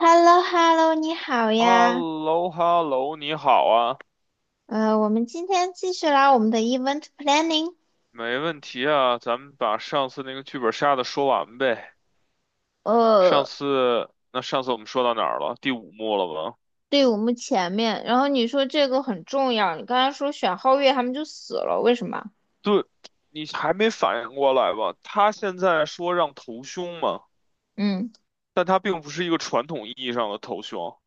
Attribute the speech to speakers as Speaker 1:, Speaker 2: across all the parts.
Speaker 1: h e l l o h e l l o 你好
Speaker 2: h e l
Speaker 1: 呀。
Speaker 2: l o h e l l o 你好啊，
Speaker 1: 我们今天继续来我们的 event planning。
Speaker 2: 没问题啊，咱们把上次那个剧本杀的说完呗。上
Speaker 1: 呃
Speaker 2: 次，那上次我们说到哪儿了？第五幕了吧？
Speaker 1: 队伍目前面。然后你说这个很重要，你刚才说选皓月他们就死了，为什么？
Speaker 2: 对，你还没反应过来吧？他现在说让投凶嘛，
Speaker 1: 嗯
Speaker 2: 但他并不是一个传统意义上的投凶。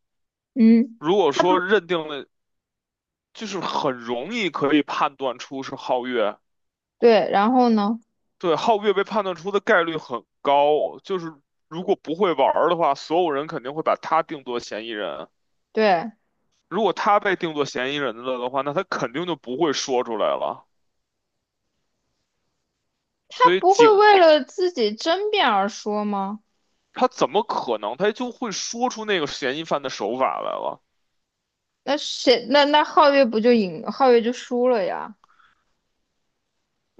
Speaker 1: 嗯，
Speaker 2: 如果
Speaker 1: 他
Speaker 2: 说认定了，就是很容易可以判断出是皓月，
Speaker 1: 对，然后呢？
Speaker 2: 对，皓月被判断出的概率很高，就是如果不会玩儿的话，所有人肯定会把他定作嫌疑人。
Speaker 1: 对，
Speaker 2: 如果他被定作嫌疑人了的话，那他肯定就不会说出来了。
Speaker 1: 他
Speaker 2: 所以
Speaker 1: 不会
Speaker 2: 警
Speaker 1: 为了自己争辩而说吗？
Speaker 2: 他怎么可能他就会说出那个嫌疑犯的手法来了？
Speaker 1: 那谁？那皓月不就赢？皓月就输了呀。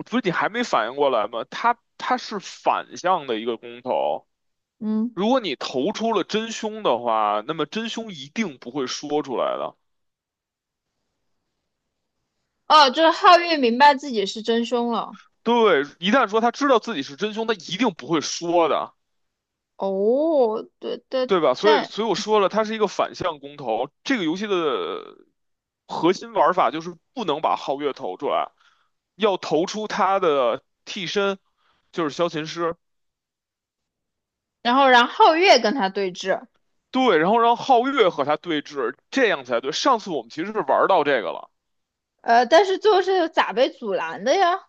Speaker 2: 不是你还没反应过来吗？他是反向的一个公投，
Speaker 1: 嗯。
Speaker 2: 如果你投出了真凶的话，那么真凶一定不会说出来的。
Speaker 1: 哦，就是皓月明白自己是真凶了。
Speaker 2: 对，一旦说他知道自己是真凶，他一定不会说的。
Speaker 1: 哦，对对，
Speaker 2: 对吧？所以，
Speaker 1: 对。
Speaker 2: 所以我说了，它是一个反向公投。这个游戏的核心玩法就是不能把皓月投出来，要投出他的替身，就是萧琴师。
Speaker 1: 然后让皓月跟他对峙。
Speaker 2: 对，然后让皓月和他对峙，这样才对。上次我们其实是玩到这个了，
Speaker 1: 但是最后是咋被阻拦的呀？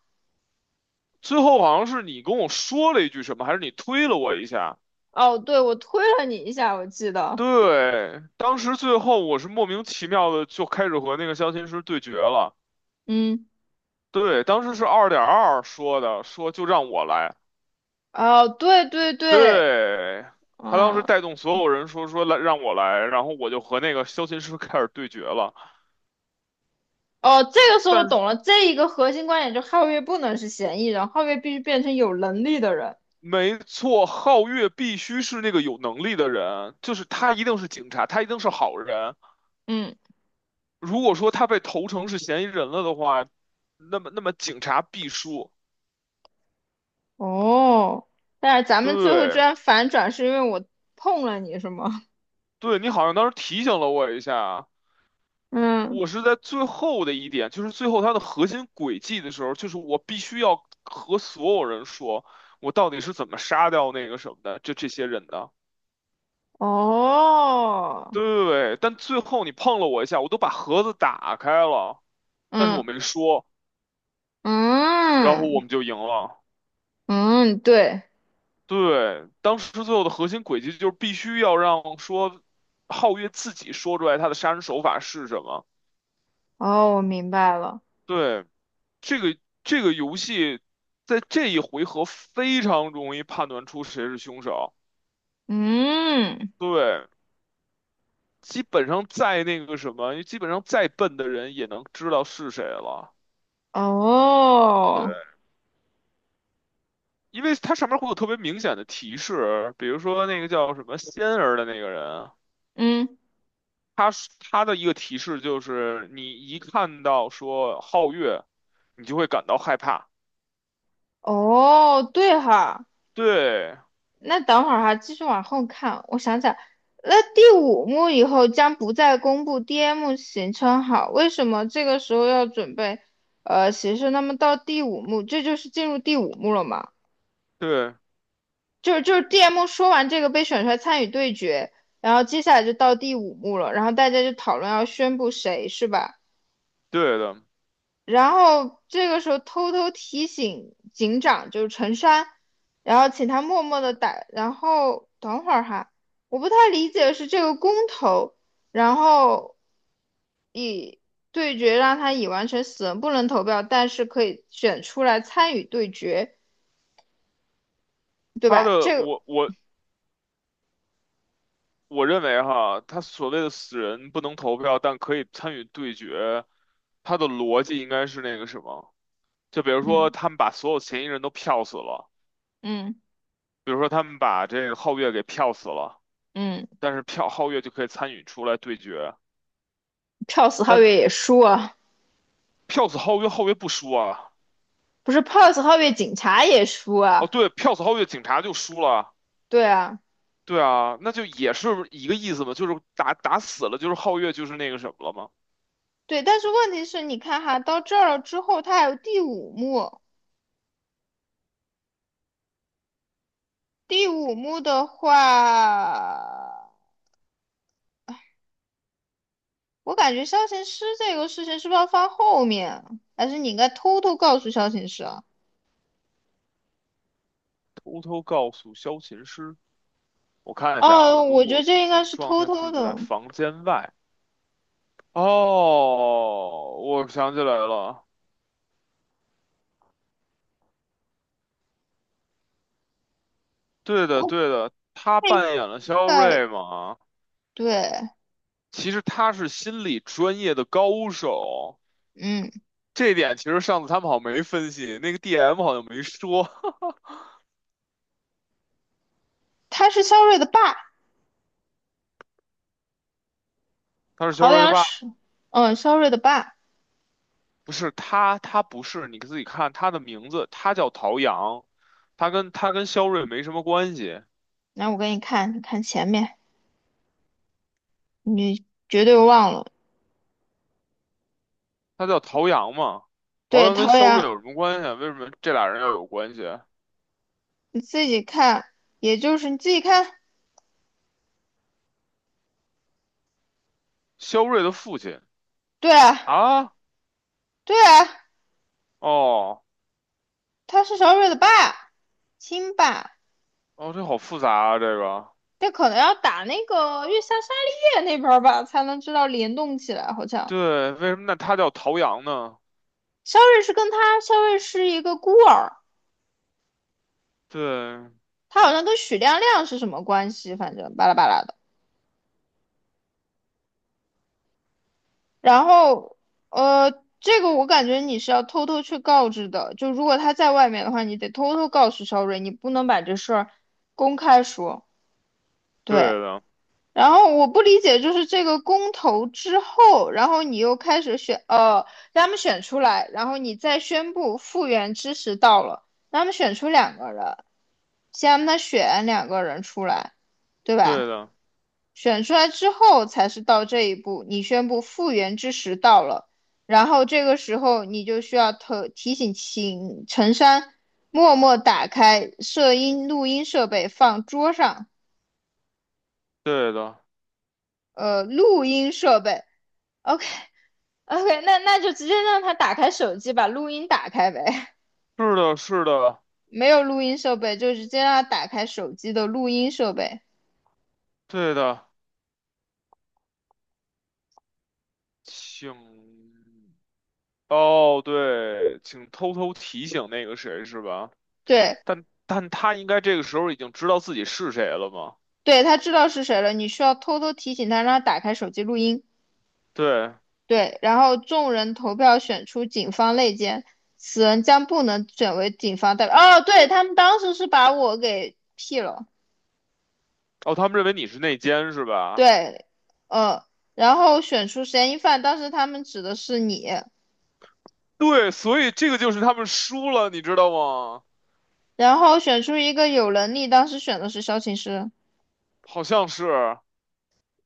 Speaker 2: 最后好像是你跟我说了一句什么，还是你推了我一下？
Speaker 1: 哦，对，我推了你一下，我记得。
Speaker 2: 对，当时最后我是莫名其妙的就开始和那个萧琴师对决了。
Speaker 1: 嗯。
Speaker 2: 对，当时是二点二说的，说就让我来。
Speaker 1: 哦，对对对。
Speaker 2: 对，他当时
Speaker 1: 嗯。
Speaker 2: 带动所有人说来让我来，然后我就和那个萧琴师开始对决了。
Speaker 1: 哦，这个时候我
Speaker 2: 但是
Speaker 1: 懂了，这一个核心观点就是皓月不能是嫌疑人，皓月必须变成有能力的人。
Speaker 2: 没错，皓月必须是那个有能力的人，就是他一定是警察，他一定是好人。
Speaker 1: 嗯。
Speaker 2: 如果说他被投诚是嫌疑人了的话，那么警察必输。
Speaker 1: 哦，但是咱们最后居
Speaker 2: 对，
Speaker 1: 然反转，是因为我碰了你是吗？
Speaker 2: 对你好像当时提醒了我一下，
Speaker 1: 嗯。
Speaker 2: 我是在最后的一点，就是最后它的核心轨迹的时候，就是我必须要和所有人说，我到底是怎么杀掉那个什么的，就这些人的。
Speaker 1: 哦。
Speaker 2: 对，但最后你碰了我一下，我都把盒子打开了，但是我
Speaker 1: 嗯
Speaker 2: 没说，然后我
Speaker 1: 嗯
Speaker 2: 们就赢了。
Speaker 1: 嗯。对。
Speaker 2: 对，当时最后的核心轨迹就是必须要让说皓月自己说出来他的杀人手法是什么。
Speaker 1: 哦，我明白了。
Speaker 2: 对，这个这个游戏在这一回合非常容易判断出谁是凶手。
Speaker 1: 嗯。
Speaker 2: 对，基本上再那个什么，基本上再笨的人也能知道是谁了。对，
Speaker 1: 哦。
Speaker 2: 因为它上面会有特别明显的提示，比如说那个叫什么仙儿的那个人，
Speaker 1: 嗯。
Speaker 2: 他是他的一个提示就是你一看到说皓月，你就会感到害怕。
Speaker 1: 哦，对哈。
Speaker 2: 对
Speaker 1: 那等会儿哈，继续往后看，我想想。那第五幕以后将不再公布 DM 行程好，为什么这个时候要准备行程？那么到第五幕，这就是进入第五幕了嘛？
Speaker 2: 对
Speaker 1: 就是DM 说完这个被选出来参与对决，然后接下来就到第五幕了，然后大家就讨论要宣布谁是吧？
Speaker 2: 对的，
Speaker 1: 然后这个时候偷偷提醒警长，就是陈山，然后请他默默的打，然后等会儿哈，我不太理解是这个公投，然后对决让他已完成死人不能投票，但是可以选出来参与对决，对
Speaker 2: 他
Speaker 1: 吧？
Speaker 2: 的
Speaker 1: 这个，
Speaker 2: 我认为哈，他所谓的死人不能投票，但可以参与对决，他的逻辑应该是那个什么，就比如说
Speaker 1: 嗯
Speaker 2: 他们把所有嫌疑人都票死了，
Speaker 1: 嗯
Speaker 2: 比如说他们把这个皓月给票死了，
Speaker 1: 嗯。
Speaker 2: 但是票皓月就可以参与出来对决，
Speaker 1: 票死皓
Speaker 2: 但
Speaker 1: 月也输啊。
Speaker 2: 票死皓月，皓月不输啊。
Speaker 1: 不是票死皓月警察也输
Speaker 2: 哦，
Speaker 1: 啊。
Speaker 2: 对，票死皓月，警察就输了。
Speaker 1: 对啊。
Speaker 2: 对啊，那就也是一个意思嘛，就是打打死了，就是皓月就是那个什么了嘛。
Speaker 1: 对，但是问题是，你看哈，到这儿了之后，他还有第五幕。第五幕的话，我感觉肖琴师这个事情是不是要放后面，还是你应该偷偷告诉肖琴师啊？
Speaker 2: 偷偷告诉萧琴师。我看一下啊，
Speaker 1: 哦，
Speaker 2: 如
Speaker 1: 我觉得
Speaker 2: 果
Speaker 1: 这应
Speaker 2: 这
Speaker 1: 该是
Speaker 2: 状
Speaker 1: 偷
Speaker 2: 态
Speaker 1: 偷
Speaker 2: 是在
Speaker 1: 的，
Speaker 2: 房间外，哦，我想起来了，对的，
Speaker 1: 我
Speaker 2: 对的，他
Speaker 1: 这应
Speaker 2: 扮演了肖
Speaker 1: 该
Speaker 2: 瑞嘛，
Speaker 1: 对。
Speaker 2: 其实他是心理专业的高手，
Speaker 1: 嗯。
Speaker 2: 这一点其实上次他们好像没分析，那个 DM 好像没说
Speaker 1: 他是肖睿的爸，
Speaker 2: 他是肖
Speaker 1: 陶
Speaker 2: 瑞的
Speaker 1: 阳
Speaker 2: 爸爸，
Speaker 1: 是，嗯，肖睿的爸。
Speaker 2: 不是他，他不是，你自己看他的名字，他叫陶阳，他跟肖瑞没什么关系，
Speaker 1: 来，我给你看，你看前面，你绝对忘了。
Speaker 2: 他叫陶阳嘛。陶
Speaker 1: 对，
Speaker 2: 阳跟
Speaker 1: 陶
Speaker 2: 肖瑞
Speaker 1: 阳。
Speaker 2: 有什么关系啊？为什么这俩人要有关系？
Speaker 1: 你自己看，也就是你自己看。
Speaker 2: 肖瑞的父亲
Speaker 1: 对啊。
Speaker 2: 啊，
Speaker 1: 对啊，
Speaker 2: 哦
Speaker 1: 他是萧睿的爸，亲爸。
Speaker 2: 哦，这好复杂啊，这个
Speaker 1: 这可能要打那个月下沙利叶那边儿吧，才能知道联动起来。好像
Speaker 2: 对，为什么那他叫陶阳呢？
Speaker 1: 肖瑞是跟他，肖瑞是一个孤儿，
Speaker 2: 对，
Speaker 1: 他好像跟许亮亮是什么关系，反正巴拉巴拉的。然后，呃，这个我感觉你是要偷偷去告知的，就如果他在外面的话，你得偷偷告诉肖瑞，你不能把这事儿公开说。
Speaker 2: 对
Speaker 1: 对，
Speaker 2: 的，
Speaker 1: 然后我不理解，就是这个公投之后，然后你又开始选，让他们选出来，然后你再宣布复原之时到了，让他们选出两个人，先让他选两个人出来，对吧？
Speaker 2: 对的，
Speaker 1: 选出来之后才是到这一步，你宣布复原之时到了，然后这个时候你就需要特提醒请陈山默默打开摄音录音设备，放桌上，
Speaker 2: 对的，
Speaker 1: 录音设备，OK。OK,那那就直接让他打开手机，把录音打开呗。
Speaker 2: 是的，是的，
Speaker 1: 没有录音设备，就直接让他打开手机的录音设备。
Speaker 2: 对的，请哦，对，请偷偷提醒那个谁是吧？
Speaker 1: 对。
Speaker 2: 但他应该这个时候已经知道自己是谁了吗？
Speaker 1: 对，他知道是谁了，你需要偷偷提醒他，让他打开手机录音。
Speaker 2: 对，
Speaker 1: 对，然后众人投票选出警方内奸，此人将不能选为警方代表。哦，对，他们当时是把我给 P 了。
Speaker 2: 哦，他们认为你是内奸是吧？
Speaker 1: 对，呃，然后选出嫌疑犯，当时他们指的是你，
Speaker 2: 对，所以这个就是他们输了，你知道吗？
Speaker 1: 然后选出一个有能力，当时选的是萧琴师。
Speaker 2: 好像是。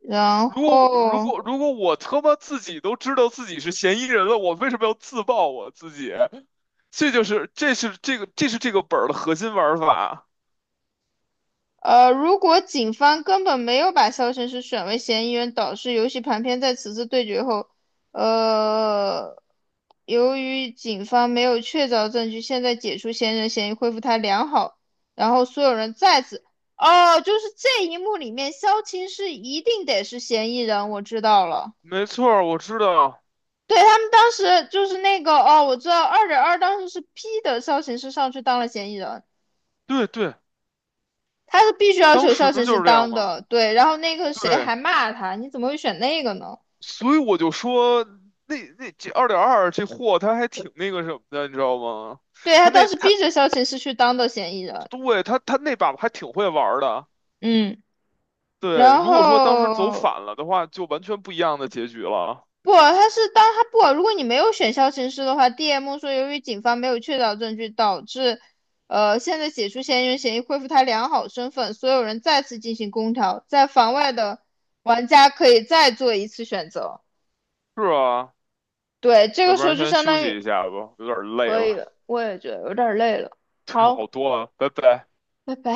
Speaker 1: 然
Speaker 2: 如果如果
Speaker 1: 后，
Speaker 2: 如果我他妈自己都知道自己是嫌疑人了，我为什么要自爆我自己？这就是这是这个这是这个本儿的核心玩法。
Speaker 1: 如果警方根本没有把肖申是选为嫌疑人，导致游戏盘片在此次对决后，呃，由于警方没有确凿证据，现在解除嫌疑人嫌疑，恢复他良好，然后所有人再次，哦，就是这一幕里面，萧晴是一定得是嫌疑人，我知道了。
Speaker 2: 没错儿我知道，
Speaker 1: 对，他们当时就是那个哦，我知道二点二当时是 P 的萧琴是上去当了嫌疑人，
Speaker 2: 对对，
Speaker 1: 他是必须要
Speaker 2: 当
Speaker 1: 求
Speaker 2: 时
Speaker 1: 校审
Speaker 2: 就
Speaker 1: 是
Speaker 2: 是这样
Speaker 1: 当
Speaker 2: 嘛。
Speaker 1: 的，对。然后那个谁
Speaker 2: 对，
Speaker 1: 还骂他，你怎么会选那个呢？
Speaker 2: 所以我就说那那这二点二这货他还挺那个什么的，你知道吗？
Speaker 1: 对他
Speaker 2: 他
Speaker 1: 当
Speaker 2: 那
Speaker 1: 时
Speaker 2: 他
Speaker 1: 逼着校庆是去当的嫌疑人。
Speaker 2: 对他那把还挺会玩儿的。
Speaker 1: 嗯。
Speaker 2: 对，
Speaker 1: 然
Speaker 2: 如果说当时走
Speaker 1: 后
Speaker 2: 反了的话，就完全不一样的结局了。
Speaker 1: 不，他是当他不，如果你没有选校庆师的话，DM 说由于警方没有确凿证据，导致现在解除嫌疑人嫌疑，恢复他良好身份，所有人再次进行公调，在房外的玩家可以再做一次选择。
Speaker 2: 是啊。
Speaker 1: 对，这
Speaker 2: 要
Speaker 1: 个
Speaker 2: 不
Speaker 1: 时候
Speaker 2: 然
Speaker 1: 就
Speaker 2: 先
Speaker 1: 相
Speaker 2: 休
Speaker 1: 当
Speaker 2: 息
Speaker 1: 于
Speaker 2: 一下吧，有点累
Speaker 1: 可以
Speaker 2: 了。
Speaker 1: 了，我也觉得有点累了。
Speaker 2: 对，好
Speaker 1: 好，
Speaker 2: 多了，拜拜。
Speaker 1: 拜拜。